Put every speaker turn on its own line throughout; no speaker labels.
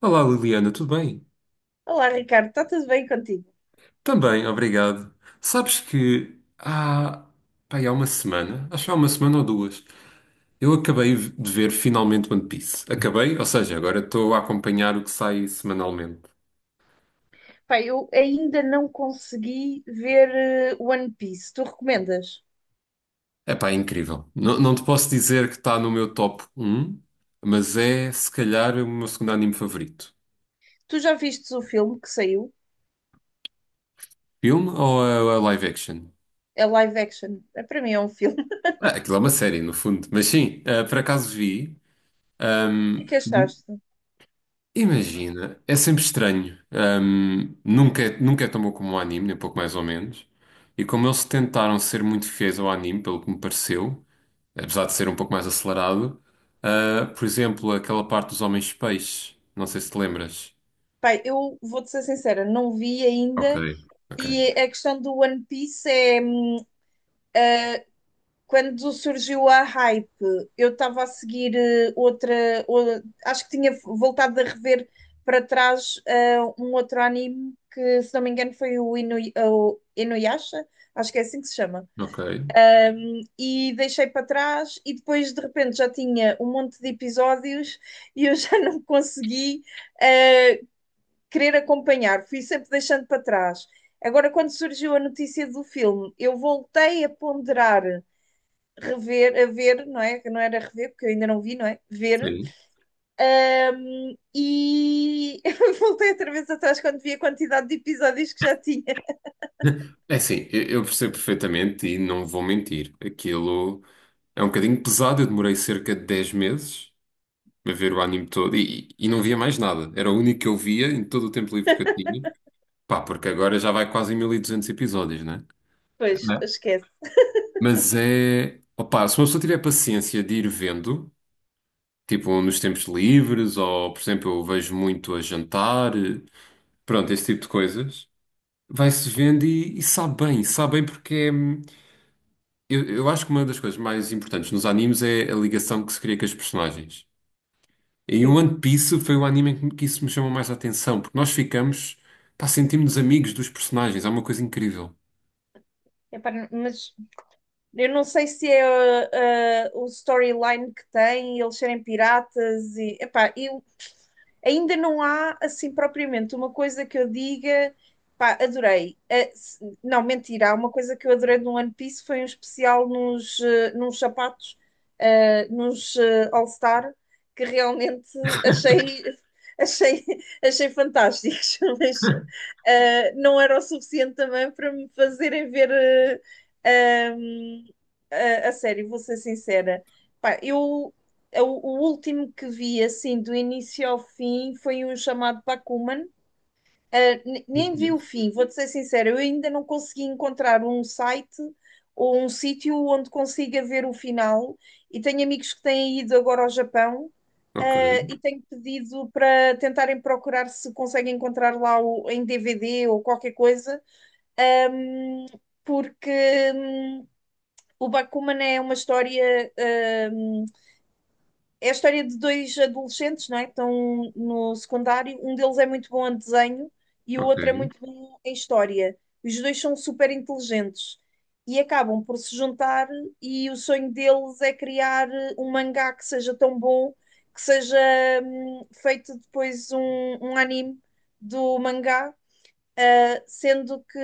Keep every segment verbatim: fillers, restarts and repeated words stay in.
Olá Liliana, tudo bem?
Olá, Ricardo, está tudo bem contigo?
Também, obrigado. Sabes que há, pá, Há uma semana, acho que há uma semana ou duas, eu acabei de ver finalmente One Piece. Acabei, ou seja, agora estou a acompanhar o que sai semanalmente.
Pai, eu ainda não consegui ver eh, One Piece. Tu recomendas?
É pá, é incrível. Não, não te posso dizer que está no meu top um, mas é se calhar o meu segundo anime favorito.
Tu já viste o filme que saiu?
Filme ou a, a live action?
É live action. É, para mim é um filme.
Ah, aquilo é uma série, no fundo. Mas sim, ah, por acaso vi.
O que é
ehm,
que achaste?
Imagina, é sempre estranho. Hum, nunca, é- nunca é tão bom como o anime, nem pouco mais ou menos. E como eles tentaram ser muito fiéis ao anime, pelo que me pareceu, apesar de ser um pouco mais acelerado, ah, por exemplo, aquela parte dos homens peixes, não sei se te lembras.
Pai, eu vou-te ser sincera, não vi
Ok.
ainda.
Ok,
E a questão do One Piece é, hum, quando surgiu a hype, eu estava a seguir eh, outra, o- acho que tinha voltado a rever para trás eh, um outro anime que, se não me engano, foi o, Inu, o Inuyasha, acho que é assim que se chama.
ok,
E deixei para trás e depois de repente já tinha um monte de episódios e eu já não consegui eh, querer acompanhar, fui sempre deixando para trás. Agora, quando surgiu a notícia do filme, eu voltei a ponderar rever, a ver, não é? Que não era rever, porque eu ainda não vi, não é? Ver.
sim.
Um, e voltei outra vez atrás quando vi a quantidade de episódios que já tinha.
É assim, eu eu percebo perfeitamente e não vou mentir. Aquilo é um bocadinho pesado. Eu demorei cerca de dez meses a ver o anime todo e, e não via mais nada. Era o único que eu via em todo o tempo livre que eu tinha. Pá, porque agora já vai quase em mil e duzentos episódios, né?
Pois,
Né?
esquece.
Mas é. Opá, se uma pessoa tiver paciência de ir vendo, tipo nos tempos livres, ou por exemplo, eu vejo muito a jantar, eh, pronto, esse tipo de coisas, vai-se vendo e, e sabe bem, sabe bem porque é. Eu, eu acho que uma das coisas mais importantes nos animes é a ligação que se cria com os personagens. E o
Sim.
One Piece foi o anime em que que isso me chamou mais a atenção, porque nós ficamos, pá, sentimos-nos amigos dos personagens, é uma coisa incrível.
Epá, mas eu não sei se é uh, uh, o storyline que tem, eles serem piratas e epá, eu ainda não há assim propriamente uma coisa que eu diga, pá, adorei. Eh, se- não, mentira, há uma coisa que eu adorei no One Piece foi um especial nos, eh, nos sapatos, eh, nos eh, All Star, que realmente achei, achei, achei fantásticos, mas eh, não era o suficiente também para me fazerem ver. eh, eh, a, a sério, vou ser sincera. Pá, eu, eu- o último que vi, assim, do início ao fim, foi um chamado Pac-Man. Uh, ne- nem vi o
Muito
fim, vou-te ser sincera, eu ainda não consegui encontrar um site ou um sítio onde consiga ver o final. E tenho amigos que têm ido agora ao Japão, uh,
ok,
e tenho pedido para tentarem procurar se conseguem encontrar lá o- em D V D ou qualquer coisa, um, porque hum, o Bakuman é uma história, hum, é a história de dois adolescentes, não é? Que estão no secundário. Um deles é muito bom em desenho e o
ok.
outro é muito bom em história. Os dois são super inteligentes e acabam por se juntar. E o sonho deles é criar um mangá que seja tão bom que seja hum, feito depois um, um anime do mangá. Uh, sendo que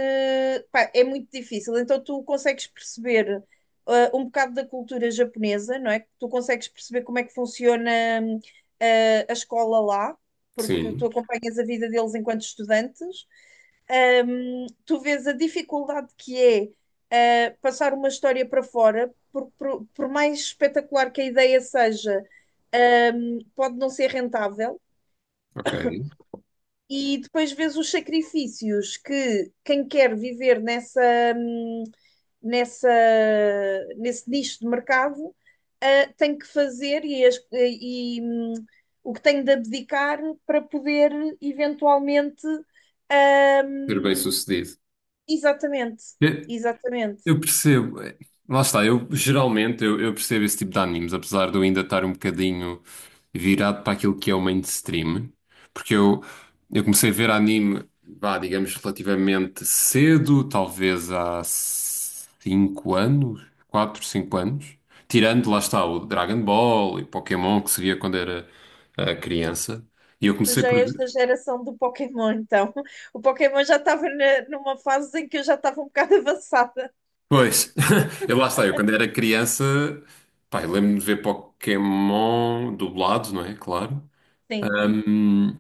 pá, é muito difícil. Então tu consegues perceber uh, um bocado da cultura japonesa, não é? Tu consegues perceber como é que funciona hum, uh, a escola lá, porque tu
Sim,
acompanhas a vida deles enquanto estudantes. Um, tu vês a dificuldade que é uh, passar uma história para fora, por, por, por mais espetacular que a ideia seja, um, pode não ser rentável
ok.
e depois vês os sacrifícios que quem quer viver nessa, hum, nessa, nesse nicho de mercado ah, tem que fazer e, as- e, hum, o que tem de abdicar para poder eventualmente.
Ser
Hum,
bem-sucedido.
exatamente,
Eu,
exatamente.
eu percebo. é, Lá está, eu geralmente eu, eu percebo esse tipo de animes, apesar de eu ainda estar um bocadinho virado para aquilo que é o mainstream, porque eu, eu comecei a ver anime, vá, digamos, relativamente cedo, talvez há cinco anos, quatro cinco anos, tirando lá está o Dragon Ball e Pokémon que se via quando era eh, criança, e eu
Tu
comecei
já
por.
és da geração do Pokémon, então. O Pokémon já estava na- numa fase em que eu já estava um bocado avançada.
Pois, eu lá sei, eu quando era criança, pá, eu lembro-me de ver Pokémon dublado, não é? Claro.
Sim.
Ahm,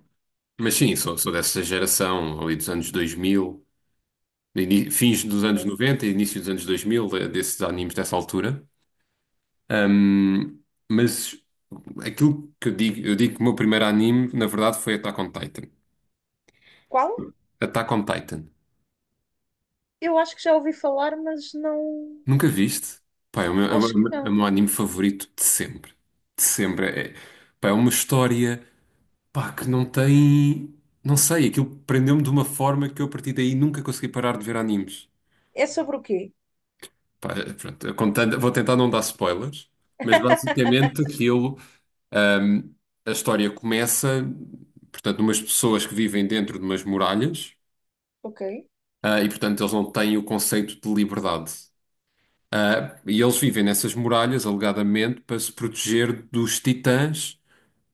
mas sim, sou, sou dessa geração ali dos anos dois mil, ini- fins dos anos noventa e início dos anos dois mil, de- desses animes dessa altura. Ahm, mas aquilo que eu digo, eu digo que o meu primeiro anime, na verdade, foi Attack on Titan.
Qual?
Attack on Titan.
Eu acho que já ouvi falar, mas não.
Nunca viste? Pá, é o meu, é o
Acho que
meu- é o
não.
meu anime favorito de sempre. De sempre. É, pá, é uma história. Pá, que não tem. Não sei, aquilo prendeu-me de uma forma que eu a partir daí nunca consegui parar de ver animes.
É sobre o quê?
Pá, eh, pronto, eu contando- vou tentar não dar spoilers, mas basicamente aquilo. ahm, a história começa, portanto, numas pessoas que vivem dentro de umas muralhas,
Ok,
ah, e portanto eles não têm o conceito de liberdade. Ah, e eles vivem nessas muralhas, alegadamente, para se proteger dos titãs,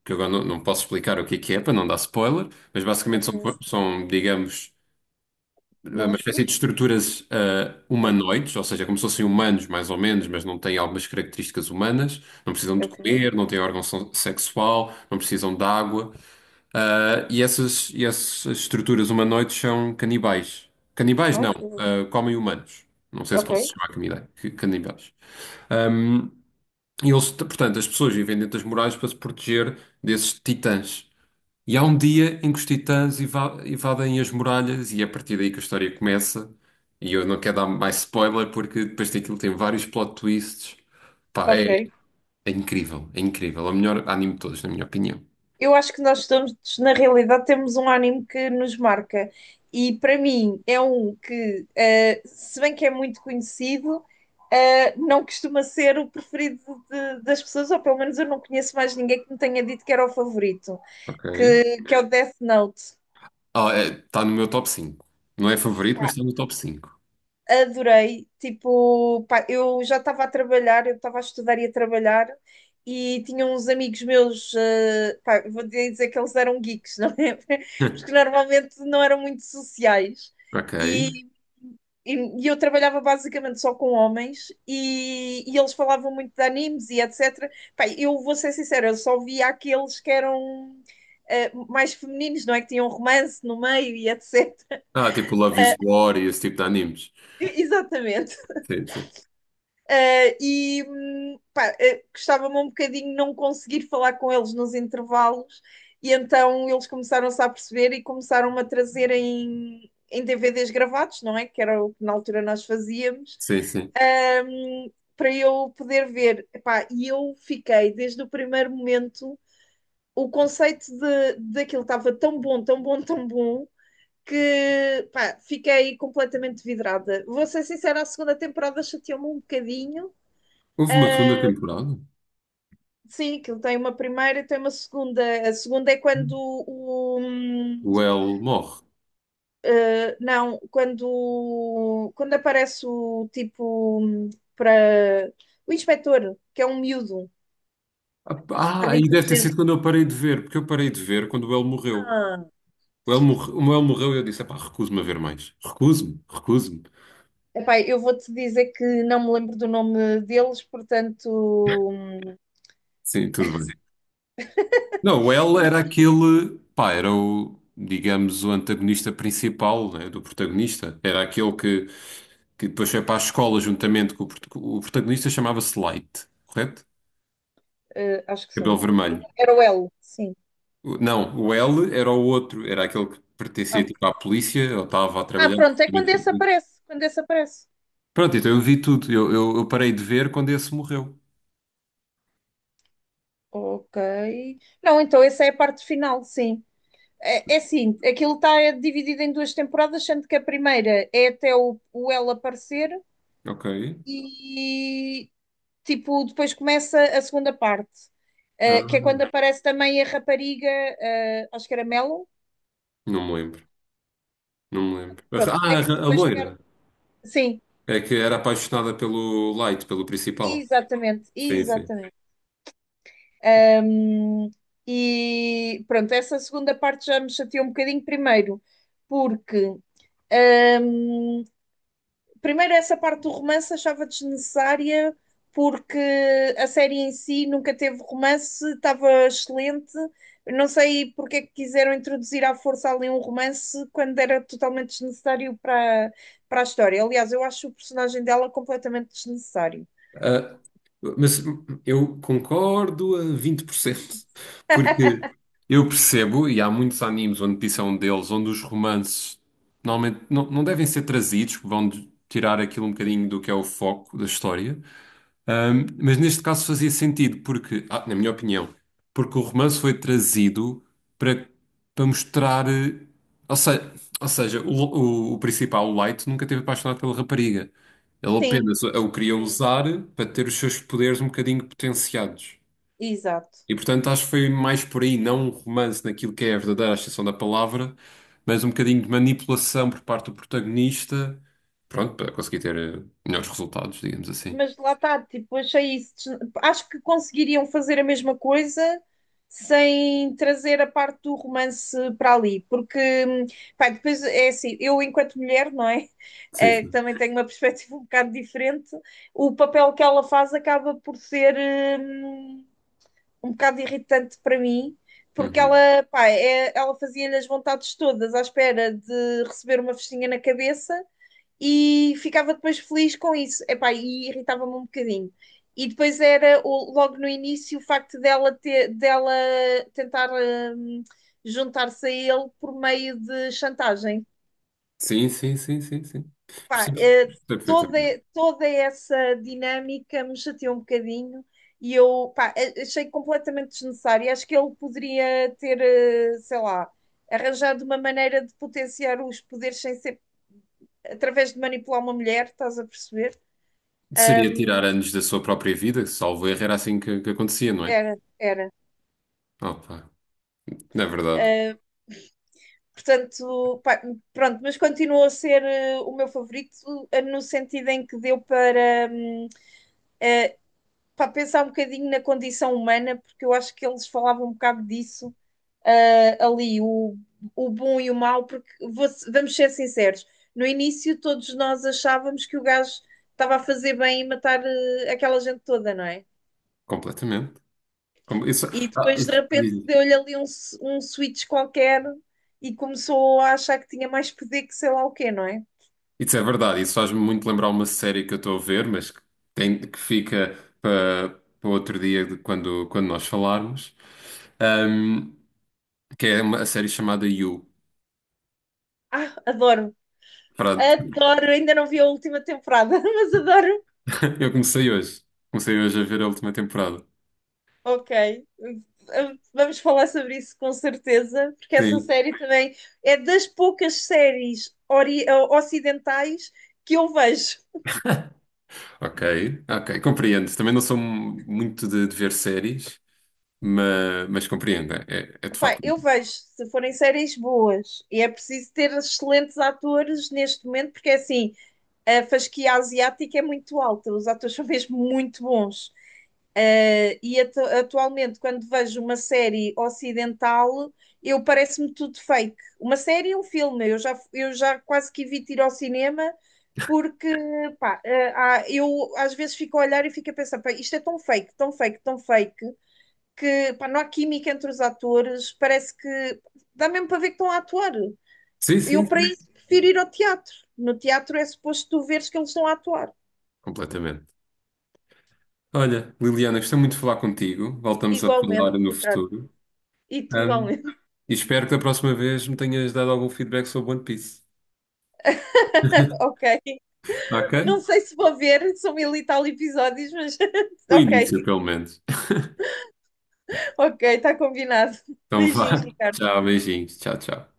que agora não, não posso explicar o que é que é, para não dar spoiler, mas basicamente
ok.
são, são, digamos eh, uma espécie de
Monstros?
estruturas ah,
Ah,
humanoides, ou seja, como se fossem humanos mais ou menos, mas não têm algumas características humanas, não precisam de
ok.
comer, não têm órgão so- sexual, não precisam de água, ah, e essas, e essas estruturas humanoides são canibais. Canibais
Ai,
não,
que horror.
ah, comem humanos. Não sei se
Ok,
posso chamar canibais. Canibais. Ahm, e eles, portanto, as pessoas vivem dentro das muralhas para se proteger desses titãs. E há um dia em que os titãs eva- evadem as muralhas e é a partir daí que a história começa. E eu não quero dar mais spoiler porque depois daquilo tem vários plot twists. Pá,
ok.
é, é incrível, é incrível. É o melhor anime de todos, na minha opinião.
Eu acho que nós estamos, na realidade, temos um anime que nos marca. E para mim é um que, eh, se bem que é muito conhecido, eh, não costuma ser o preferido de- das pessoas, ou pelo menos eu não conheço mais ninguém que me tenha dito que era o favorito,
Ok.
que, que é o Death Note.
Ah, está no meu top cinco. Não é favorito, mas está no top cinco.
Adorei. Tipo, pá, eu já estava a trabalhar, eu estava a estudar e a trabalhar, e tinha uns amigos meus, eh, pá, vou dizer que eles eram geeks, não é? Porque normalmente não eram muito sociais.
Ok.
E, e, e eu trabalhava basicamente só com homens, e, e eles falavam muito de animes e etcétera. Pá, eu vou ser sincera, eu só via aqueles que eram. eh, mais femininos, não é? Que tinham romance no meio e etcétera
Ah, tipo Love is War e esse tipo de animes.
Exatamente.
Sim, sim.
Uh, e hum, pá, uh, gostava-me um bocadinho não conseguir falar com eles nos intervalos, e então eles começaram-se a perceber e começaram-me a trazer em, em D V Ds gravados, não é? Que era o que na altura nós fazíamos,
Sim, sim.
um, para eu poder ver. Epá, e eu fiquei desde o primeiro momento, o conceito de, daquilo estava tão bom, tão bom, tão bom. Que pá, fiquei completamente vidrada. Vou ser sincera, a segunda temporada chateou-me um bocadinho,
Houve uma segunda
Uh,
temporada?
Sim, aquilo tem uma primeira e tem uma segunda. A segunda é quando o. hum,
O El morre.
eh, Não, quando, quando aparece o tipo hum, para o inspetor, que é um miúdo,
Ah,
pode
e deve ter
inteligente.
sido quando eu parei de ver, porque eu parei de ver quando o El morreu.
Ah.
O El, morre- o El morreu e eu disse: pá, recuso-me a ver mais. Recuso-me, recuso-me.
Epá, eu vou-te dizer que não me lembro do nome deles, portanto, hum,
Sim, tudo bem. Não, o El era aquele, pá, era o, digamos, o antagonista principal, né, do protagonista. Era aquele que, que depois foi para a escola juntamente com o, prot- o protagonista, chamava-se Light, correto?
eh, acho que
Cabelo
sim.
vermelho.
Era o L, sim.
O- Não, o El era o outro, era aquele que pertencia
Ah.
tipo à polícia, ou estava a
Ah,
trabalhar.
pronto, é quando esse aparece, quando esse aparece.
Pronto, então eu vi tudo. Eu, eu, eu parei de ver quando esse morreu.
Ok. Não, então essa é a parte final, sim. É, é assim, aquilo está dividido em duas temporadas, sendo que a primeira é até o, o ela aparecer
Ok.
e tipo, depois começa a segunda parte, eh, que é quando
Ah,
aparece também a rapariga, eh, acho que era Melon,
não me lembro. Não me lembro.
pronto, é
Ah,
que
a, a
depois quer.
loira.
Sim,
É que era apaixonada pelo Light, pelo principal.
exatamente,
Sim, sim.
exatamente. Ahm, e pronto, essa segunda parte já me chateou um bocadinho primeiro, porque ahm, Primeiro, essa parte do romance achava desnecessária, porque a série em si nunca teve romance, estava excelente. Eu não sei porque é que quiseram introduzir à força ali um romance quando era totalmente desnecessário para, para a história. Aliás, eu acho o personagem dela completamente desnecessário.
Ah, mas eu concordo a vinte por cento. Porque eu percebo, e há muitos animes onde isso é um deles, onde os romances normalmente não, não devem ser trazidos, vão de- tirar aquilo um bocadinho do que é o foco da história. Ahm, mas neste caso fazia sentido, porque, ah, na minha opinião, porque o romance foi trazido para, para mostrar. eh, Ou seja, ou seja o, o, o principal, o Light, nunca teve apaixonado pela rapariga. Ele
Sim,
apenas a o queria
sim,
usar para ter os seus poderes um bocadinho potenciados.
exato.
E portanto acho que foi mais por aí, não um romance naquilo que é a verdadeira extensão da palavra, mas um bocadinho de manipulação por parte do protagonista, pronto, para conseguir ter eh, melhores resultados, digamos assim.
Mas lá está, tipo, achei isso. des- Acho que conseguiriam fazer a mesma coisa sem trazer a parte do romance para ali, porque, hum, pá, depois é assim, eu enquanto mulher, não é?
Sim,
Eh, que
sim.
também tenho uma perspectiva um bocado diferente, o papel que ela faz acaba por ser hum, um bocado irritante para mim. Porque
Uhum.
ela, pá, é- ela fazia-lhe as vontades todas à espera de receber uma festinha na cabeça, e ficava depois feliz com isso. Epá, e irritava-me um bocadinho. E depois era o- logo no início o facto dela, ter, dela tentar hum, juntar-se a ele por meio de chantagem.
Sim, sim, sim, sim, sim.
Pá,
Percebo
eh, toda,
perfeitamente.
toda essa dinâmica me chateou um bocadinho e eu pá, a- achei completamente desnecessário. Acho que ele poderia ter, eh, sei lá, arranjado uma maneira de potenciar os poderes sem ser através de manipular uma mulher, estás a perceber?
Seria
Ahm,
tirar anos da sua própria vida, salvo erro, era assim que, que acontecia, não é?
era, era.
Opa, não é verdade.
Ah, portanto, pá, pronto, mas continuou a ser eh, o meu favorito, eh, no sentido em que deu para, hum, para pensar um bocadinho na condição humana, porque eu acho que eles falavam um bocado disso, ah, ali, o, o bom e o mau, porque vou- vamos ser sinceros, no início todos nós achávamos que o gajo estava a fazer bem e matar, eh, aquela gente toda, não é?
Completamente. Com- Isso,
E
ah,
depois de
isso,
repente
diz-
deu-lhe ali um, s- um switch qualquer e começou a achar que tinha mais poder que sei lá o quê, não é?
isso é verdade. Isso faz-me muito lembrar uma série que eu estou a ver, mas que, tem, que fica para, para outro dia de quando, quando nós falarmos. Ahm, que é uma a série chamada You.
Ah, adoro,
Pronto.
adoro, ainda não vi a última temporada, mas adoro.
Eu comecei hoje. Comecei hoje a ver a última temporada.
Ok, vamos falar sobre isso com certeza, porque essa
Sim.
série também é das poucas séries ori- ocidentais que eu vejo.
Ok, ok, compreendo. Também não sou mu- muito de, de ver séries, mas, mas compreendo. É, é é de
Pá,
facto.
eu vejo se forem séries boas, e é preciso ter excelentes atores neste momento, porque é assim, a fasquia asiática é muito alta, os atores são mesmo muito bons. Uh, e atu atualmente, quando vejo uma série ocidental, eu parece-me tudo fake. Uma série e um filme, eu já, eu já, quase que evito ir ao cinema porque pá, uh, uh, eu às vezes fico a olhar e fico a pensar, pá, isto é tão fake, tão fake, tão fake, que pá, não há química entre os atores, parece que dá mesmo para ver que estão a atuar.
Sim, sim,
Eu, para
sim,
isso, prefiro ir ao teatro. No teatro é suposto tu veres que eles estão a atuar.
completamente. Olha, Liliana, gostei muito de falar contigo. Voltamos a
Igualmente,
falar no
Ricardo.
futuro.
E tu
Ahm,
igualmente.
e espero que da próxima vez me tenhas dado algum feedback sobre One Piece.
Ok.
Ok?
Não sei se vou ver, são mil e tal episódios, mas
O
ok.
início, pelo menos.
Ok, está combinado.
Então
Beijinhos,
vá.
Ricardo.
Tchau, beijinhos. Tchau, tchau.